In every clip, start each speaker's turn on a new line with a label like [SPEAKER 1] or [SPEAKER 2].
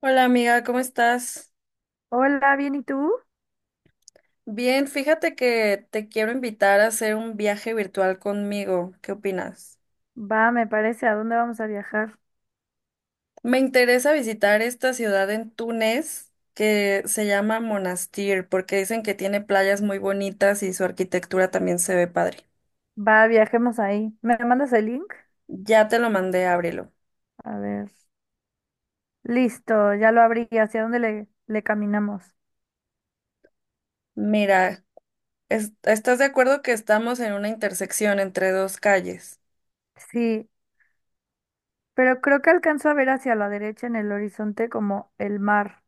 [SPEAKER 1] Hola amiga, ¿cómo estás?
[SPEAKER 2] Hola, bien, ¿y tú?
[SPEAKER 1] Bien, fíjate que te quiero invitar a hacer un viaje virtual conmigo. ¿Qué opinas?
[SPEAKER 2] Va, me parece, ¿a dónde vamos a viajar?
[SPEAKER 1] Me interesa visitar esta ciudad en Túnez que se llama Monastir porque dicen que tiene playas muy bonitas y su arquitectura también se ve padre.
[SPEAKER 2] Va, viajemos ahí. ¿Me mandas el link?
[SPEAKER 1] Ya te lo mandé, ábrelo.
[SPEAKER 2] A ver. Listo, ya lo abrí. ¿Hacia dónde le caminamos?
[SPEAKER 1] Mira, ¿estás de acuerdo que estamos en una intersección entre dos calles?
[SPEAKER 2] Sí, pero creo que alcanzo a ver hacia la derecha en el horizonte como el mar,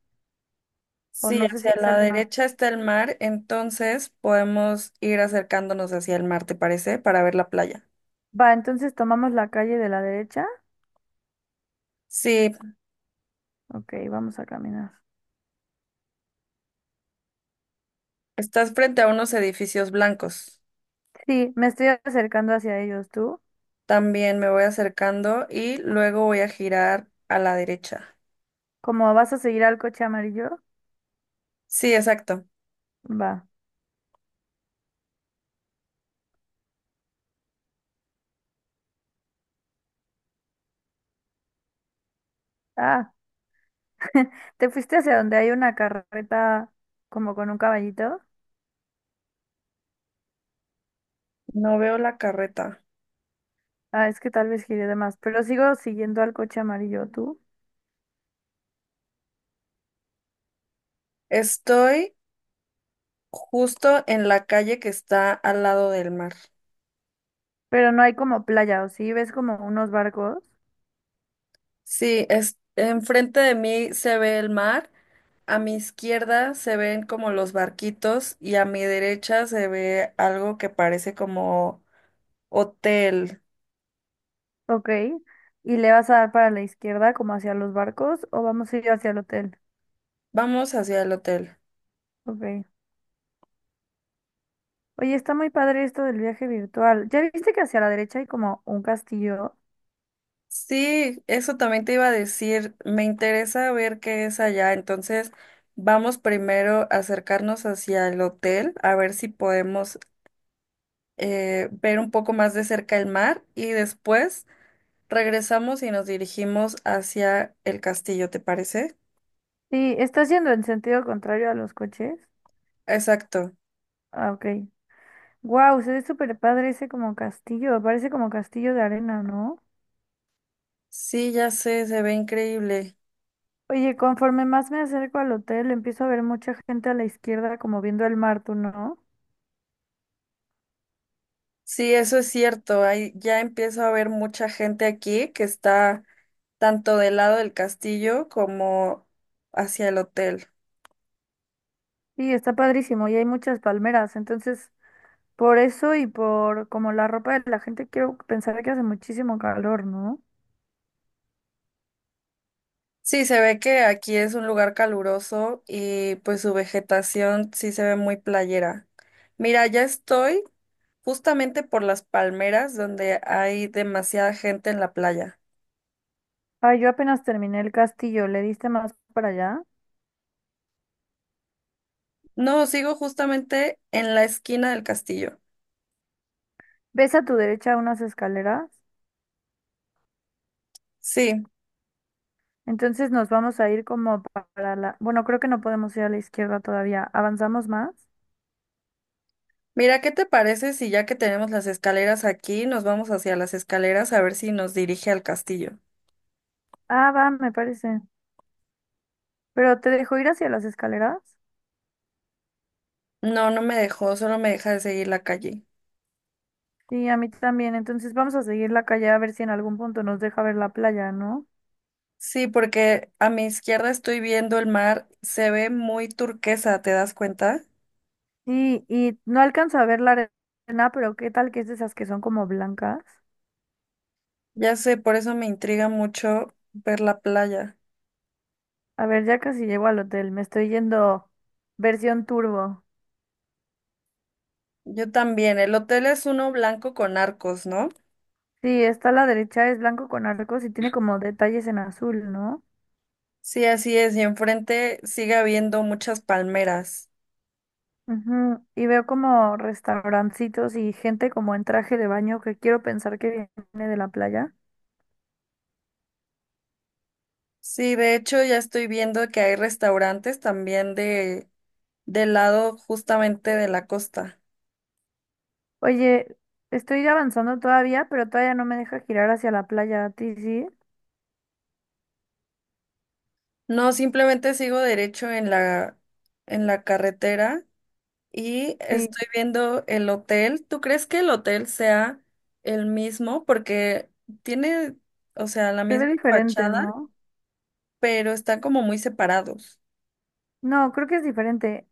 [SPEAKER 2] o
[SPEAKER 1] Sí,
[SPEAKER 2] no sé si
[SPEAKER 1] hacia
[SPEAKER 2] es
[SPEAKER 1] la
[SPEAKER 2] el mar.
[SPEAKER 1] derecha está el mar, entonces podemos ir acercándonos hacia el mar, ¿te parece? Para ver la playa.
[SPEAKER 2] Va, entonces tomamos la calle de la derecha.
[SPEAKER 1] Sí,
[SPEAKER 2] Ok, vamos a caminar.
[SPEAKER 1] estás frente a unos edificios blancos.
[SPEAKER 2] Sí, me estoy acercando hacia ellos, ¿tú?
[SPEAKER 1] También me voy acercando y luego voy a girar a la derecha.
[SPEAKER 2] ¿Cómo vas a seguir al coche amarillo?
[SPEAKER 1] Sí, exacto.
[SPEAKER 2] Va. Ah. ¿Te fuiste hacia donde hay una carreta como con un caballito?
[SPEAKER 1] No veo la carreta.
[SPEAKER 2] Ah, es que tal vez giré de más, pero sigo siguiendo al coche amarillo tú.
[SPEAKER 1] Estoy justo en la calle que está al lado del mar.
[SPEAKER 2] Pero no hay como playa, ¿o sí? ¿Ves como unos barcos?
[SPEAKER 1] Sí, es, enfrente de mí se ve el mar, a mi izquierda se ven como los barquitos y a mi derecha se ve algo que parece como hotel.
[SPEAKER 2] Ok. ¿Y le vas a dar para la izquierda como hacia los barcos o vamos a ir hacia el hotel?
[SPEAKER 1] Vamos hacia el hotel.
[SPEAKER 2] Ok. Oye, está muy padre esto del viaje virtual. ¿Ya viste que hacia la derecha hay como un castillo?
[SPEAKER 1] Sí, eso también te iba a decir, me interesa ver qué es allá, entonces vamos primero a acercarnos hacia el hotel, a ver si podemos ver un poco más de cerca el mar y después regresamos y nos dirigimos hacia el castillo, ¿te parece?
[SPEAKER 2] Sí, está yendo en sentido contrario a los coches.
[SPEAKER 1] Exacto.
[SPEAKER 2] Ah, ok. Wow, se ve súper padre ese como castillo. Parece como castillo de arena, ¿no?
[SPEAKER 1] Sí, ya sé, se ve increíble.
[SPEAKER 2] Oye, conforme más me acerco al hotel, empiezo a ver mucha gente a la izquierda como viendo el mar, ¿tú no?
[SPEAKER 1] Sí, eso es cierto. Hay, ya empiezo a ver mucha gente aquí que está tanto del lado del castillo como hacia el hotel.
[SPEAKER 2] Y está padrísimo y hay muchas palmeras, entonces por eso y por como la ropa de la gente quiero pensar que hace muchísimo calor, ¿no?
[SPEAKER 1] Sí, se ve que aquí es un lugar caluroso y pues su vegetación sí se ve muy playera. Mira, ya estoy justamente por las palmeras donde hay demasiada gente en la playa.
[SPEAKER 2] Ah, yo apenas terminé el castillo, ¿le diste más para allá?
[SPEAKER 1] No, sigo justamente en la esquina del castillo.
[SPEAKER 2] ¿Ves a tu derecha unas escaleras?
[SPEAKER 1] Sí,
[SPEAKER 2] Entonces nos vamos a ir como para la... Bueno, creo que no podemos ir a la izquierda todavía. ¿Avanzamos más?
[SPEAKER 1] mira, ¿qué te parece si ya que tenemos las escaleras aquí, nos vamos hacia las escaleras a ver si nos dirige al castillo?
[SPEAKER 2] Ah, va, me parece. ¿Pero te dejo ir hacia las escaleras?
[SPEAKER 1] No, no me dejó, solo me deja de seguir la calle.
[SPEAKER 2] Sí, a mí también. Entonces vamos a seguir la calle a ver si en algún punto nos deja ver la playa, ¿no?
[SPEAKER 1] Sí, porque a mi izquierda estoy viendo el mar, se ve muy turquesa, ¿te das cuenta?
[SPEAKER 2] Sí, y no alcanzo a ver la arena, pero ¿qué tal que es de esas que son como blancas?
[SPEAKER 1] Ya sé, por eso me intriga mucho ver la playa.
[SPEAKER 2] A ver, ya casi llego al hotel. Me estoy yendo versión turbo.
[SPEAKER 1] Yo también, el hotel es uno blanco con arcos, ¿no?
[SPEAKER 2] Sí, está a la derecha, es blanco con arcos y tiene como detalles en azul, ¿no?
[SPEAKER 1] Sí, así es, y enfrente sigue habiendo muchas palmeras.
[SPEAKER 2] Ujú, y veo como restaurancitos y gente como en traje de baño que quiero pensar que viene de la playa.
[SPEAKER 1] Sí, de hecho ya estoy viendo que hay restaurantes también de del lado justamente de la costa.
[SPEAKER 2] Oye, estoy avanzando todavía, pero todavía no me deja girar hacia la playa, ¿a ti sí?
[SPEAKER 1] No, simplemente sigo derecho en la carretera y
[SPEAKER 2] Sí,
[SPEAKER 1] estoy viendo el hotel. ¿Tú crees que el hotel sea el mismo? Porque tiene, o sea, la
[SPEAKER 2] se ve
[SPEAKER 1] misma
[SPEAKER 2] diferente,
[SPEAKER 1] fachada,
[SPEAKER 2] ¿no?
[SPEAKER 1] pero están como muy separados.
[SPEAKER 2] No, creo que es diferente.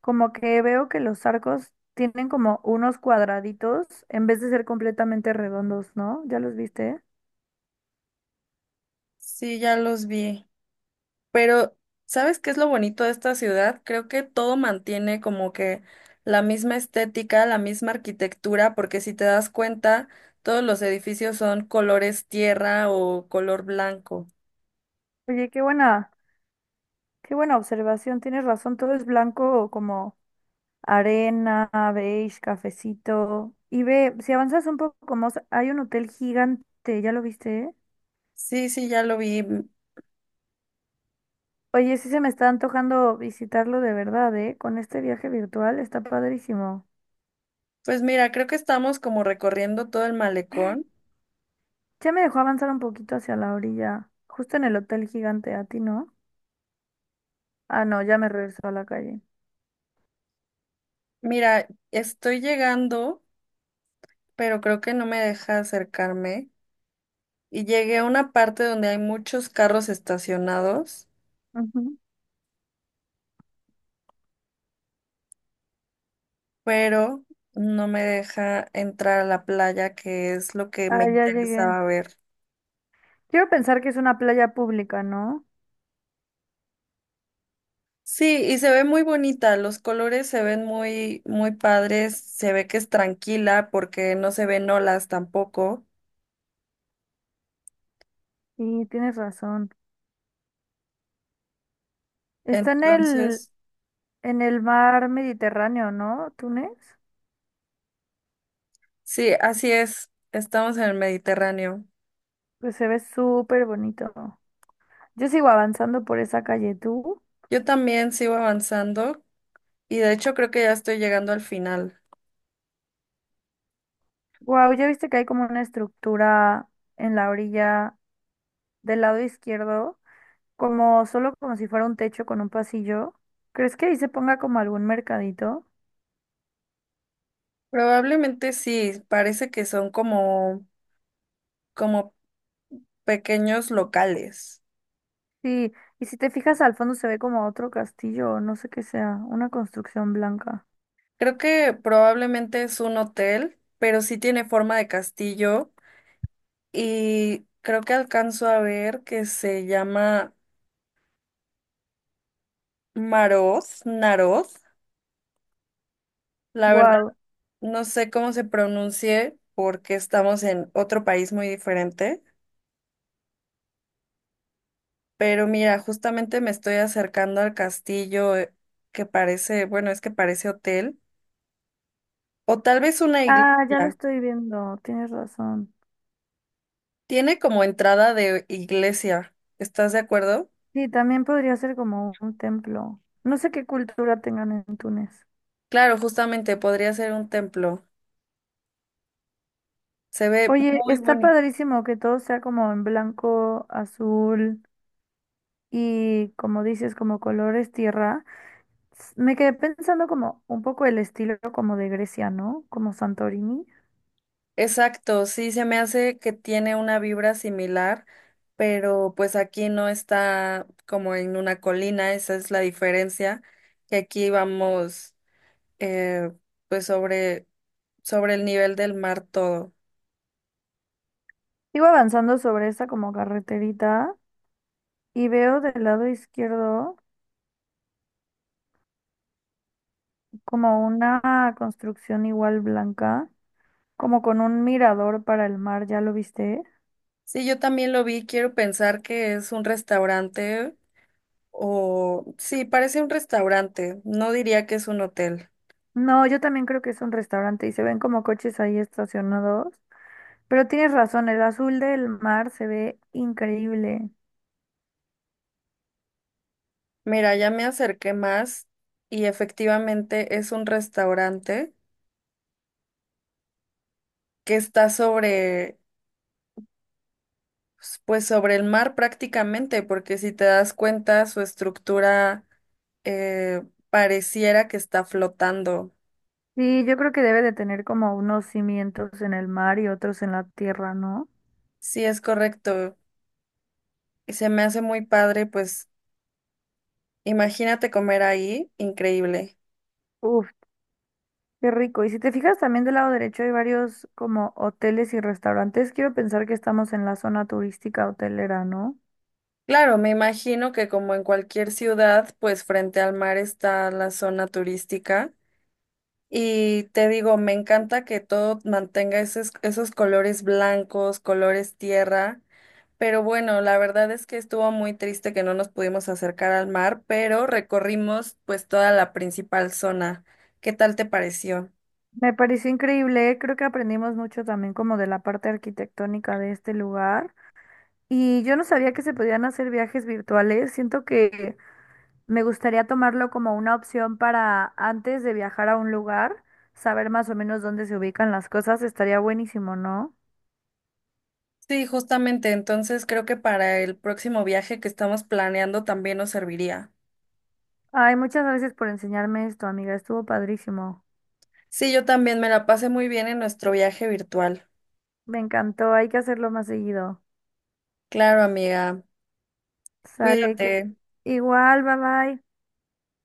[SPEAKER 2] Como que veo que los arcos tienen como unos cuadraditos en vez de ser completamente redondos, ¿no? ¿Ya los viste?
[SPEAKER 1] Sí, ya los vi. Pero, ¿sabes qué es lo bonito de esta ciudad? Creo que todo mantiene como que la misma estética, la misma arquitectura, porque si te das cuenta, todos los edificios son colores tierra o color blanco.
[SPEAKER 2] Oye, qué buena observación. Tienes razón, todo es blanco como arena, beige, cafecito. Y ve, si avanzas un poco más, hay un hotel gigante, ¿ya lo viste? ¿Eh?
[SPEAKER 1] Sí, ya lo vi.
[SPEAKER 2] Oye, sí se me está antojando visitarlo de verdad, ¿eh? Con este viaje virtual está padrísimo.
[SPEAKER 1] Pues mira, creo que estamos como recorriendo todo el malecón.
[SPEAKER 2] Ya me dejó avanzar un poquito hacia la orilla, justo en el hotel gigante, a ti, ¿no? Ah, no, ya me regresó a la calle.
[SPEAKER 1] Mira, estoy llegando, pero creo que no me deja acercarme. Y llegué a una parte donde hay muchos carros estacionados,
[SPEAKER 2] Ujú.
[SPEAKER 1] pero no me deja entrar a la playa, que es lo que me
[SPEAKER 2] Ah, ya llegué.
[SPEAKER 1] interesaba ver.
[SPEAKER 2] Quiero pensar que es una playa pública, ¿no?
[SPEAKER 1] Sí, y se ve muy bonita, los colores se ven muy, muy padres, se ve que es tranquila porque no se ven olas tampoco.
[SPEAKER 2] Sí, tienes razón. Está en
[SPEAKER 1] Entonces,
[SPEAKER 2] en el mar Mediterráneo, ¿no? Túnez.
[SPEAKER 1] sí, así es, estamos en el Mediterráneo.
[SPEAKER 2] Pues se ve súper bonito. Yo sigo avanzando por esa calle, ¿tú?
[SPEAKER 1] Yo también sigo avanzando y de hecho creo que ya estoy llegando al final.
[SPEAKER 2] Wow, ya viste que hay como una estructura en la orilla del lado izquierdo. Como solo como si fuera un techo con un pasillo. ¿Crees que ahí se ponga como algún mercadito?
[SPEAKER 1] Probablemente sí, parece que son como pequeños locales.
[SPEAKER 2] Sí, y si te fijas al fondo se ve como otro castillo, no sé qué sea, una construcción blanca.
[SPEAKER 1] Creo que probablemente es un hotel, pero sí tiene forma de castillo y creo que alcanzo a ver que se llama Maroz, Naroz. La verdad,
[SPEAKER 2] Wow.
[SPEAKER 1] no sé cómo se pronuncie porque estamos en otro país muy diferente, pero mira, justamente me estoy acercando al castillo que parece, bueno, es que parece hotel o tal vez una
[SPEAKER 2] Ah, ya lo
[SPEAKER 1] iglesia.
[SPEAKER 2] estoy viendo, tienes razón.
[SPEAKER 1] Tiene como entrada de iglesia. ¿Estás de acuerdo?
[SPEAKER 2] Sí, también podría ser como un templo. No sé qué cultura tengan en Túnez.
[SPEAKER 1] Claro, justamente podría ser un templo. Se ve
[SPEAKER 2] Oye,
[SPEAKER 1] muy
[SPEAKER 2] está
[SPEAKER 1] bonito.
[SPEAKER 2] padrísimo que todo sea como en blanco, azul y como dices, como colores tierra. Me quedé pensando como un poco el estilo como de Grecia, ¿no? Como Santorini.
[SPEAKER 1] Exacto, sí, se me hace que tiene una vibra similar, pero pues aquí no está como en una colina, esa es la diferencia, que aquí vamos eh, pues sobre el nivel del mar todo.
[SPEAKER 2] Sigo avanzando sobre esa como carreterita y veo del lado izquierdo como una construcción igual blanca, como con un mirador para el mar, ¿ya lo viste?
[SPEAKER 1] Sí, yo también lo vi, quiero pensar que es un restaurante o sí, parece un restaurante, no diría que es un hotel.
[SPEAKER 2] No, yo también creo que es un restaurante y se ven como coches ahí estacionados, pero tienes razón, el azul del mar se ve increíble.
[SPEAKER 1] Mira, ya me acerqué más y efectivamente es un restaurante que está sobre, pues sobre el mar prácticamente, porque si te das cuenta, su estructura eh, pareciera que está flotando.
[SPEAKER 2] Sí, yo creo que debe de tener como unos cimientos en el mar y otros en la tierra, ¿no?
[SPEAKER 1] Sí, es correcto. Y se me hace muy padre, pues imagínate comer ahí, increíble.
[SPEAKER 2] Uf, qué rico. Y si te fijas también del lado derecho hay varios como hoteles y restaurantes. Quiero pensar que estamos en la zona turística hotelera, ¿no?
[SPEAKER 1] Claro, me imagino que como en cualquier ciudad, pues frente al mar está la zona turística. Y te digo, me encanta que todo mantenga esos colores blancos, colores tierra. Pero bueno, la verdad es que estuvo muy triste que no nos pudimos acercar al mar, pero recorrimos pues toda la principal zona. ¿Qué tal te pareció?
[SPEAKER 2] Me pareció increíble. Creo que aprendimos mucho también como de la parte arquitectónica de este lugar. Y yo no sabía que se podían hacer viajes virtuales. Siento que me gustaría tomarlo como una opción para antes de viajar a un lugar, saber más o menos dónde se ubican las cosas. Estaría buenísimo, ¿no?
[SPEAKER 1] Sí, justamente, entonces creo que para el próximo viaje que estamos planeando también nos serviría.
[SPEAKER 2] Ay, muchas gracias por enseñarme esto, amiga. Estuvo padrísimo.
[SPEAKER 1] Sí, yo también me la pasé muy bien en nuestro viaje virtual.
[SPEAKER 2] Me encantó, hay que hacerlo más seguido.
[SPEAKER 1] Claro, amiga.
[SPEAKER 2] Sale
[SPEAKER 1] Cuídate.
[SPEAKER 2] que... Igual, bye bye.